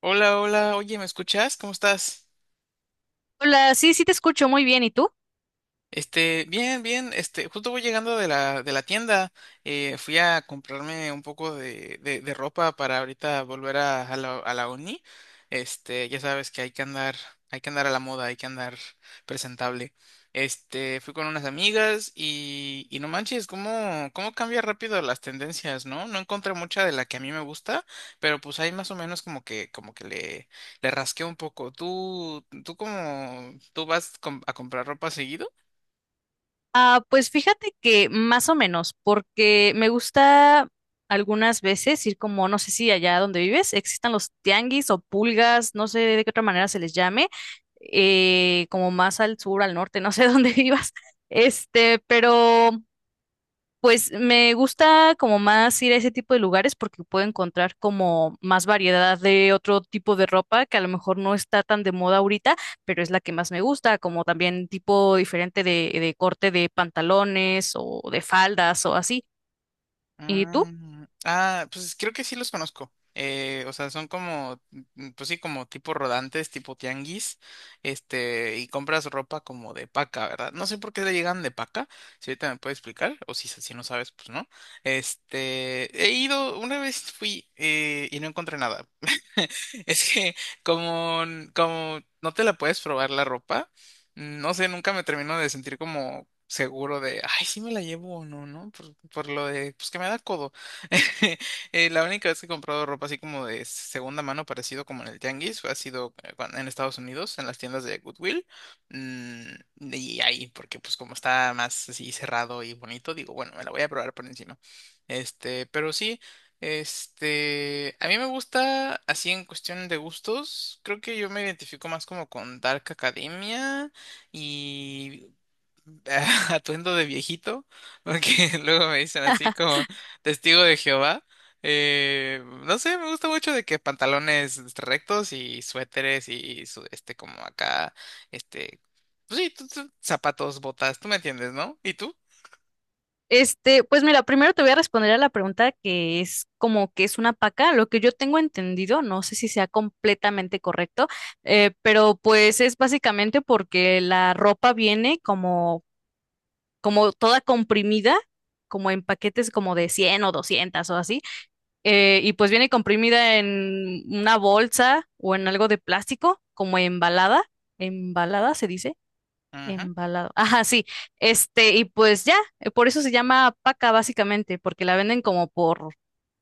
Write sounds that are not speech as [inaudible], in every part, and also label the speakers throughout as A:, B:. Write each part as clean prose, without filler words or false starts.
A: Hola, hola, oye, ¿me escuchas? ¿Cómo estás?
B: Hola, sí, sí te escucho muy bien. ¿Y tú?
A: Bien, bien, justo voy llegando de la tienda, fui a comprarme un poco de ropa para ahorita volver a la uni. Ya sabes que hay que andar a la moda, hay que andar presentable. Fui con unas amigas y no manches, cómo cambia rápido las tendencias, ¿no? No encontré mucha de la que a mí me gusta, pero pues ahí más o menos le rasqué un poco. Tú cómo, tú vas a comprar ropa seguido?
B: Ah, pues fíjate que más o menos, porque me gusta algunas veces ir como, no sé si allá donde vives existan los tianguis o pulgas, no sé de qué otra manera se les llame, como más al sur, al norte, no sé [laughs] dónde vivas. Este, pero Pues me gusta como más ir a ese tipo de lugares porque puedo encontrar como más variedad de otro tipo de ropa que a lo mejor no está tan de moda ahorita, pero es la que más me gusta, como también tipo diferente de corte de pantalones o de faldas o así. ¿Y tú?
A: Mm, ah, pues creo que sí los conozco. O sea, son como, mm, pues sí, como tipo rodantes, tipo tianguis, y compras ropa como de paca, ¿verdad? No sé por qué le llegan de paca, si ahorita me puedes explicar, o si no sabes, pues no. He ido, una vez fui y no encontré nada. [laughs] Es que como, como no te la puedes probar la ropa. No sé, nunca me termino de sentir como seguro de, ay, sí me la llevo o no, ¿no? Por lo de, pues que me da codo. [laughs] La única vez que he comprado ropa así como de segunda mano, parecido como en el Tianguis, ha sido en Estados Unidos, en las tiendas de Goodwill. Mm, y ahí, porque pues como está más así cerrado y bonito, digo, bueno, me la voy a probar por encima. Este, pero sí. A mí me gusta así en cuestión de gustos, creo que yo me identifico más como con Dark Academia y [laughs] atuendo de viejito, porque [laughs] luego me dicen así como testigo de Jehová. No sé, me gusta mucho de que pantalones rectos y suéteres y como acá, este, pues sí, zapatos, botas, tú me entiendes, ¿no? ¿Y tú?
B: Pues mira, primero te voy a responder a la pregunta que es como que es una paca. Lo que yo tengo entendido, no sé si sea completamente correcto, pero pues es básicamente porque la ropa viene como toda comprimida, como en paquetes como de 100 o 200 o así, y pues viene comprimida en una bolsa o en algo de plástico, como embalada, embalada se dice,
A: Ujú.
B: embalado, ajá, sí, este, y pues ya, por eso se llama paca básicamente, porque la venden como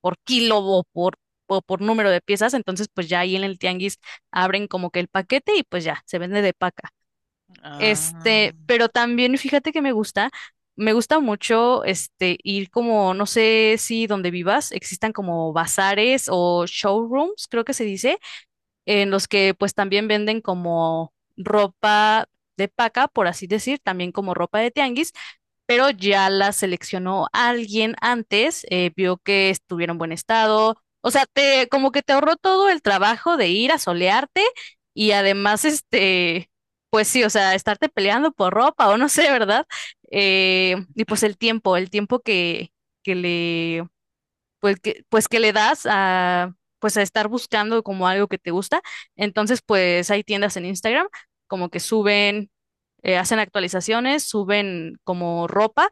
B: por kilo o por número de piezas. Entonces pues ya ahí en el tianguis abren como que el paquete y pues ya, se vende de paca. Este,
A: Ah,
B: pero también fíjate que me gusta mucho este ir como, no sé si donde vivas existan como bazares o showrooms, creo que se dice, en los que pues también venden como ropa de paca, por así decir, también como ropa de tianguis, pero ya las seleccionó alguien antes, vio que estuvieron en buen estado. O sea, te, como que te ahorró todo el trabajo de ir a solearte y además, este, pues sí, o sea, estarte peleando por ropa o no sé, ¿verdad? Y pues el tiempo, que le, pues pues que le das a, pues a estar buscando como algo que te gusta. Entonces, pues hay tiendas en Instagram como que suben, hacen actualizaciones, suben como ropa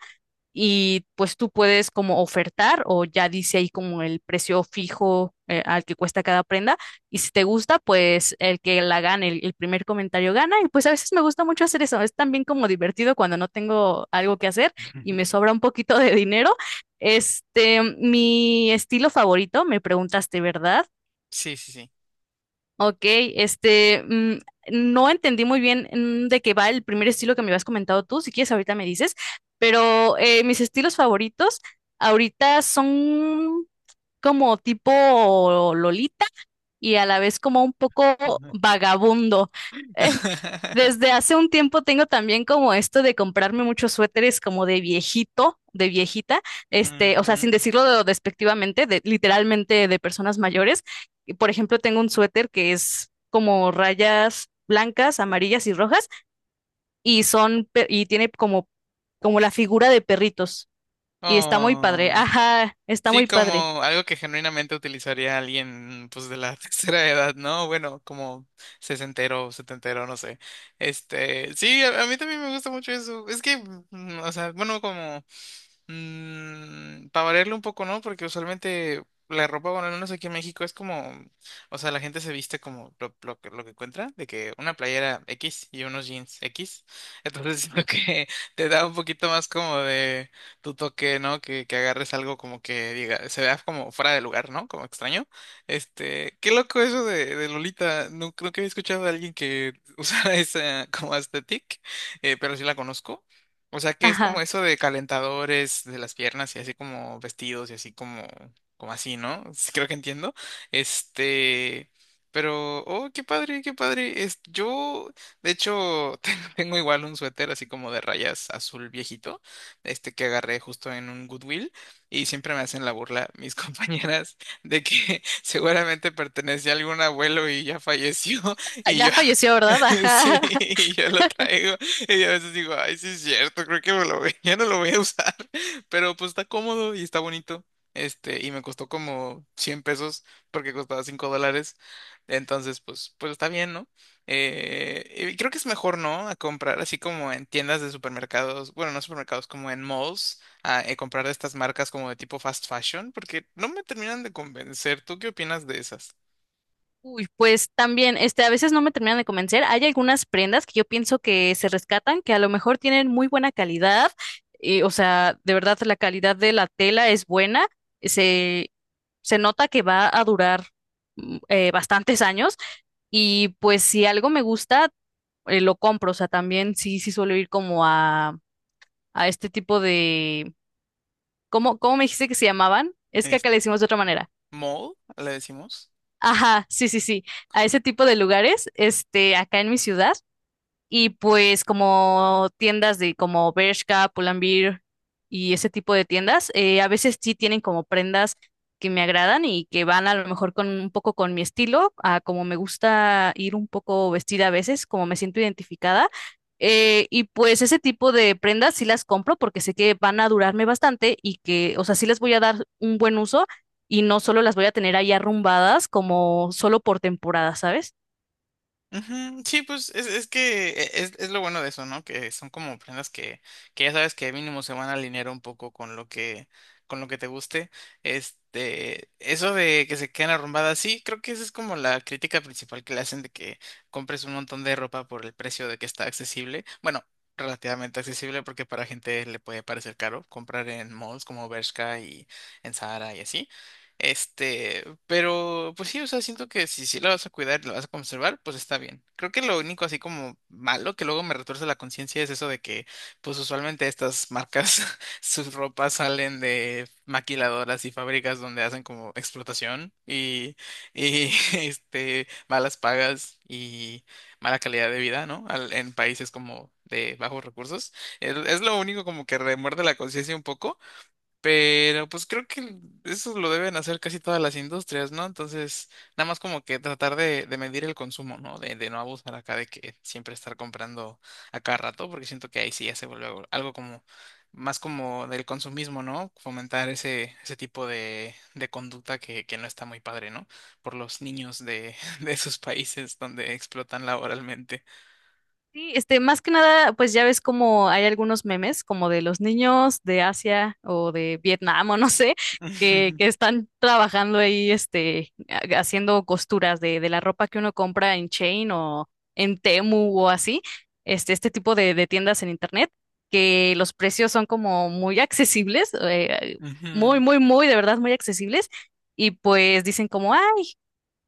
B: y pues tú puedes como ofertar o ya dice ahí como el precio fijo al que cuesta cada prenda, y si te gusta pues el que la gane, el primer comentario gana. Y pues a veces me gusta mucho hacer eso, es también como divertido cuando no tengo algo que hacer y me
A: [laughs]
B: sobra un poquito de dinero. Este, mi estilo favorito, me preguntaste, ¿verdad?
A: sí, sí, sí.
B: Ok, este, no entendí muy bien, de qué va el primer estilo que me habías comentado tú. Si quieres ahorita me dices, pero mis estilos favoritos ahorita son como tipo Lolita y a la vez como un poco
A: [laughs] Ujú.
B: vagabundo. Eh,
A: [laughs]
B: Desde hace un tiempo tengo también como esto de comprarme muchos suéteres como de viejito, de viejita, este, o sea,
A: Ujú.
B: sin decirlo despectivamente, de, literalmente de personas mayores. Y, por ejemplo, tengo un suéter que es como rayas blancas, amarillas y rojas y tiene como como la figura de perritos, y está muy padre.
A: Oh.
B: Ajá, está
A: Sí,
B: muy padre.
A: como algo que genuinamente utilizaría alguien, pues, de la [laughs] tercera edad, ¿no? Bueno, como sesentero, setentero, no sé. Sí, a mí también me gusta mucho eso. Es que, mm, o sea, bueno, como mm, para variarle un poco, ¿no? Porque usualmente la ropa, bueno, al menos aquí en México es como, o sea, la gente se viste como lo que encuentra, de que una playera X y unos jeans X. [laughs] Entonces siento que [laughs] te da un poquito más como de tu toque, ¿no? Que agarres algo como que diga, se vea como fuera de lugar, ¿no? Como extraño. Qué loco eso de Lolita. Nunca, nunca había escuchado de alguien que [laughs] usara esa como aesthetic, pero sí la conozco. O sea que es como
B: Ajá.
A: eso de calentadores de las piernas y así como vestidos y así como, como así, ¿no? Sí, creo que entiendo. Este, pero, oh, qué padre, qué padre. Es, yo, de hecho, [laughs] tengo igual un suéter así como de rayas azul viejito, este que agarré justo en un Goodwill y siempre me hacen la burla mis [laughs] compañeras de que [laughs] seguramente pertenecía a algún abuelo y ya falleció [laughs] y
B: Ya
A: yo,
B: falleció, ¿verdad?
A: [laughs] sí,
B: Ajá.
A: y yo lo traigo. [laughs] Y a veces digo, ay, sí es cierto, creo que [laughs] ya no lo voy a usar, [laughs] pero pues está cómodo y está bonito. Y me costó como 100 pesos porque costaba $5. Entonces, pues está bien, ¿no? Y creo que es mejor, ¿no? A comprar así como en tiendas de supermercados, bueno, no supermercados, como en malls, a, comprar de estas marcas como de tipo fast fashion, porque no me terminan de convencer. ¿Tú qué opinas de esas?
B: Uy, pues también, este, a veces no me terminan de convencer. Hay algunas prendas que yo pienso que se rescatan, que a lo mejor tienen muy buena calidad, o sea, de verdad la calidad de la tela es buena, se, se nota que va a durar bastantes años. Y pues si algo me gusta, lo compro. O sea, también sí, sí suelo ir como a este tipo de, ¿cómo, cómo me dijiste que se llamaban? Es que acá
A: Este,
B: le decimos de otra manera.
A: ¿mall? ¿Le decimos?
B: Ajá, sí, sí, sí, a ese tipo de lugares, este, acá en mi ciudad. Y pues como tiendas de como Bershka, Pull&Bear y ese tipo de tiendas, a veces sí tienen como prendas que me agradan y que van a lo mejor con un poco con mi estilo, a como me gusta ir un poco vestida a veces, como me siento identificada. Y pues ese tipo de prendas sí las compro porque sé que van a durarme bastante, y que, o sea, sí les voy a dar un buen uso y no solo las voy a tener ahí arrumbadas como solo por temporada, ¿sabes?
A: Ujú, sí, pues es que es lo bueno de eso, ¿no? Que son como prendas que ya sabes que mínimo se van a alinear un poco con lo que te guste. Eso de que se queden arrumbadas, sí, creo que esa es como la crítica principal que le hacen de que compres un montón de ropa por el precio de que está accesible. Bueno, relativamente accesible porque para gente le puede parecer caro comprar en malls como Bershka y en Zara y así. Pero pues sí, o sea, siento que si sí la vas a cuidar y la vas a conservar, pues está bien. Creo que lo único así como malo que luego me retuerce la conciencia es eso de que, pues usualmente estas marcas, [laughs] sus ropas salen de maquiladoras y fábricas donde hacen como explotación y [laughs] malas pagas y mala calidad de vida, ¿no? En países como de bajos recursos. Es lo único como que remuerde la conciencia un poco. Pero pues creo que eso lo deben hacer casi todas las industrias, ¿no? Entonces, nada más como que tratar de medir el consumo, ¿no? De no abusar acá de que siempre estar comprando a cada rato, porque siento que ahí sí ya se vuelve algo como más como del consumismo, ¿no? Fomentar ese tipo de conducta que no está muy padre, ¿no? Por los niños de, [laughs] de esos países donde explotan laboralmente.
B: Sí, este, más que nada, pues ya ves como hay algunos memes, como de los niños de Asia o de Vietnam o no sé,
A: [laughs] Ujú,
B: que están trabajando ahí, este, haciendo costuras de la ropa que uno compra en Chain o en Temu o así, este tipo de tiendas en internet, que los precios son como muy accesibles, muy,
A: ujú.
B: muy, muy, de verdad, muy accesibles. Y pues dicen como, ah,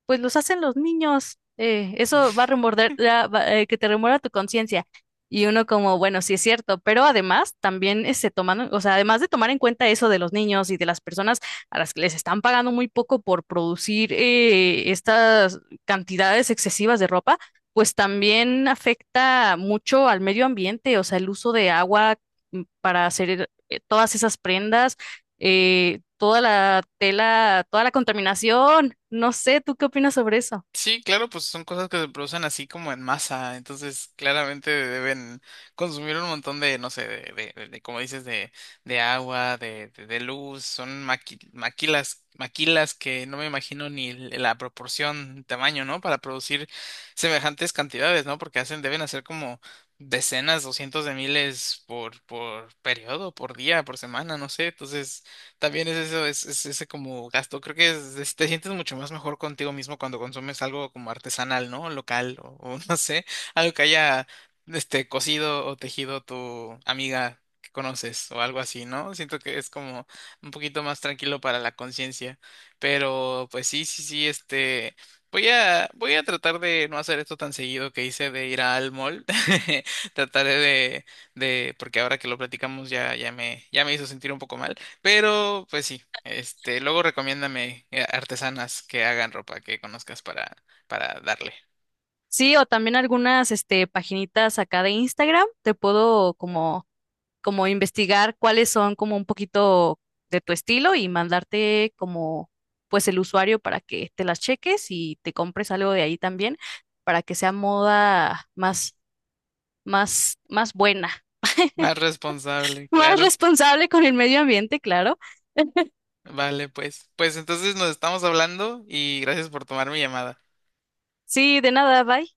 B: pues los hacen los niños. Eso va a remorder, que te remuerda tu conciencia. Y uno como, bueno, sí es cierto, pero además también se toman, o sea, además de tomar en cuenta eso de los niños y de las personas a las que les están pagando muy poco por producir, estas cantidades excesivas de ropa, pues también afecta mucho al medio ambiente, o sea, el uso de agua, para hacer todas esas prendas, toda la tela, toda la contaminación. No sé, ¿tú qué opinas sobre eso?
A: Sí, claro, pues son cosas que se producen así como en masa, entonces claramente deben consumir un montón de, no sé, como dices, de agua, de luz, son maquilas, maquilas que no me imagino ni l- la proporción, tamaño, ¿no? Para producir semejantes cantidades, ¿no? Porque hacen, deben hacer como decenas o cientos de miles por periodo, por día, por semana, no sé, entonces también es eso, es ese como gasto. Creo que te sientes mucho más mejor contigo mismo cuando consumes algo como artesanal, ¿no? Local o [laughs] no sé, algo que haya cosido o tejido tu amiga que conoces o algo así, ¿no? Siento que es como un poquito más tranquilo para la conciencia. Pero pues sí, sí, sí, voy a tratar de no hacer esto tan seguido que hice de ir al mall. [laughs] Trataré de porque ahora que lo platicamos ya me hizo sentir un poco mal. Pero, pues sí, luego recomiéndame artesanas que hagan ropa que conozcas para darle.
B: Sí, o también algunas, este, paginitas acá de Instagram, te puedo como, como investigar cuáles son como un poquito de tu estilo y mandarte como, pues el usuario para que te las cheques y te compres algo de ahí también, para que sea moda más, más, más buena,
A: Más responsable,
B: [laughs] más
A: claro.
B: responsable con el medio ambiente, claro.
A: Vale, pues. Pues entonces nos estamos hablando y gracias por tomar mi llamada.
B: Sí, de nada, bye.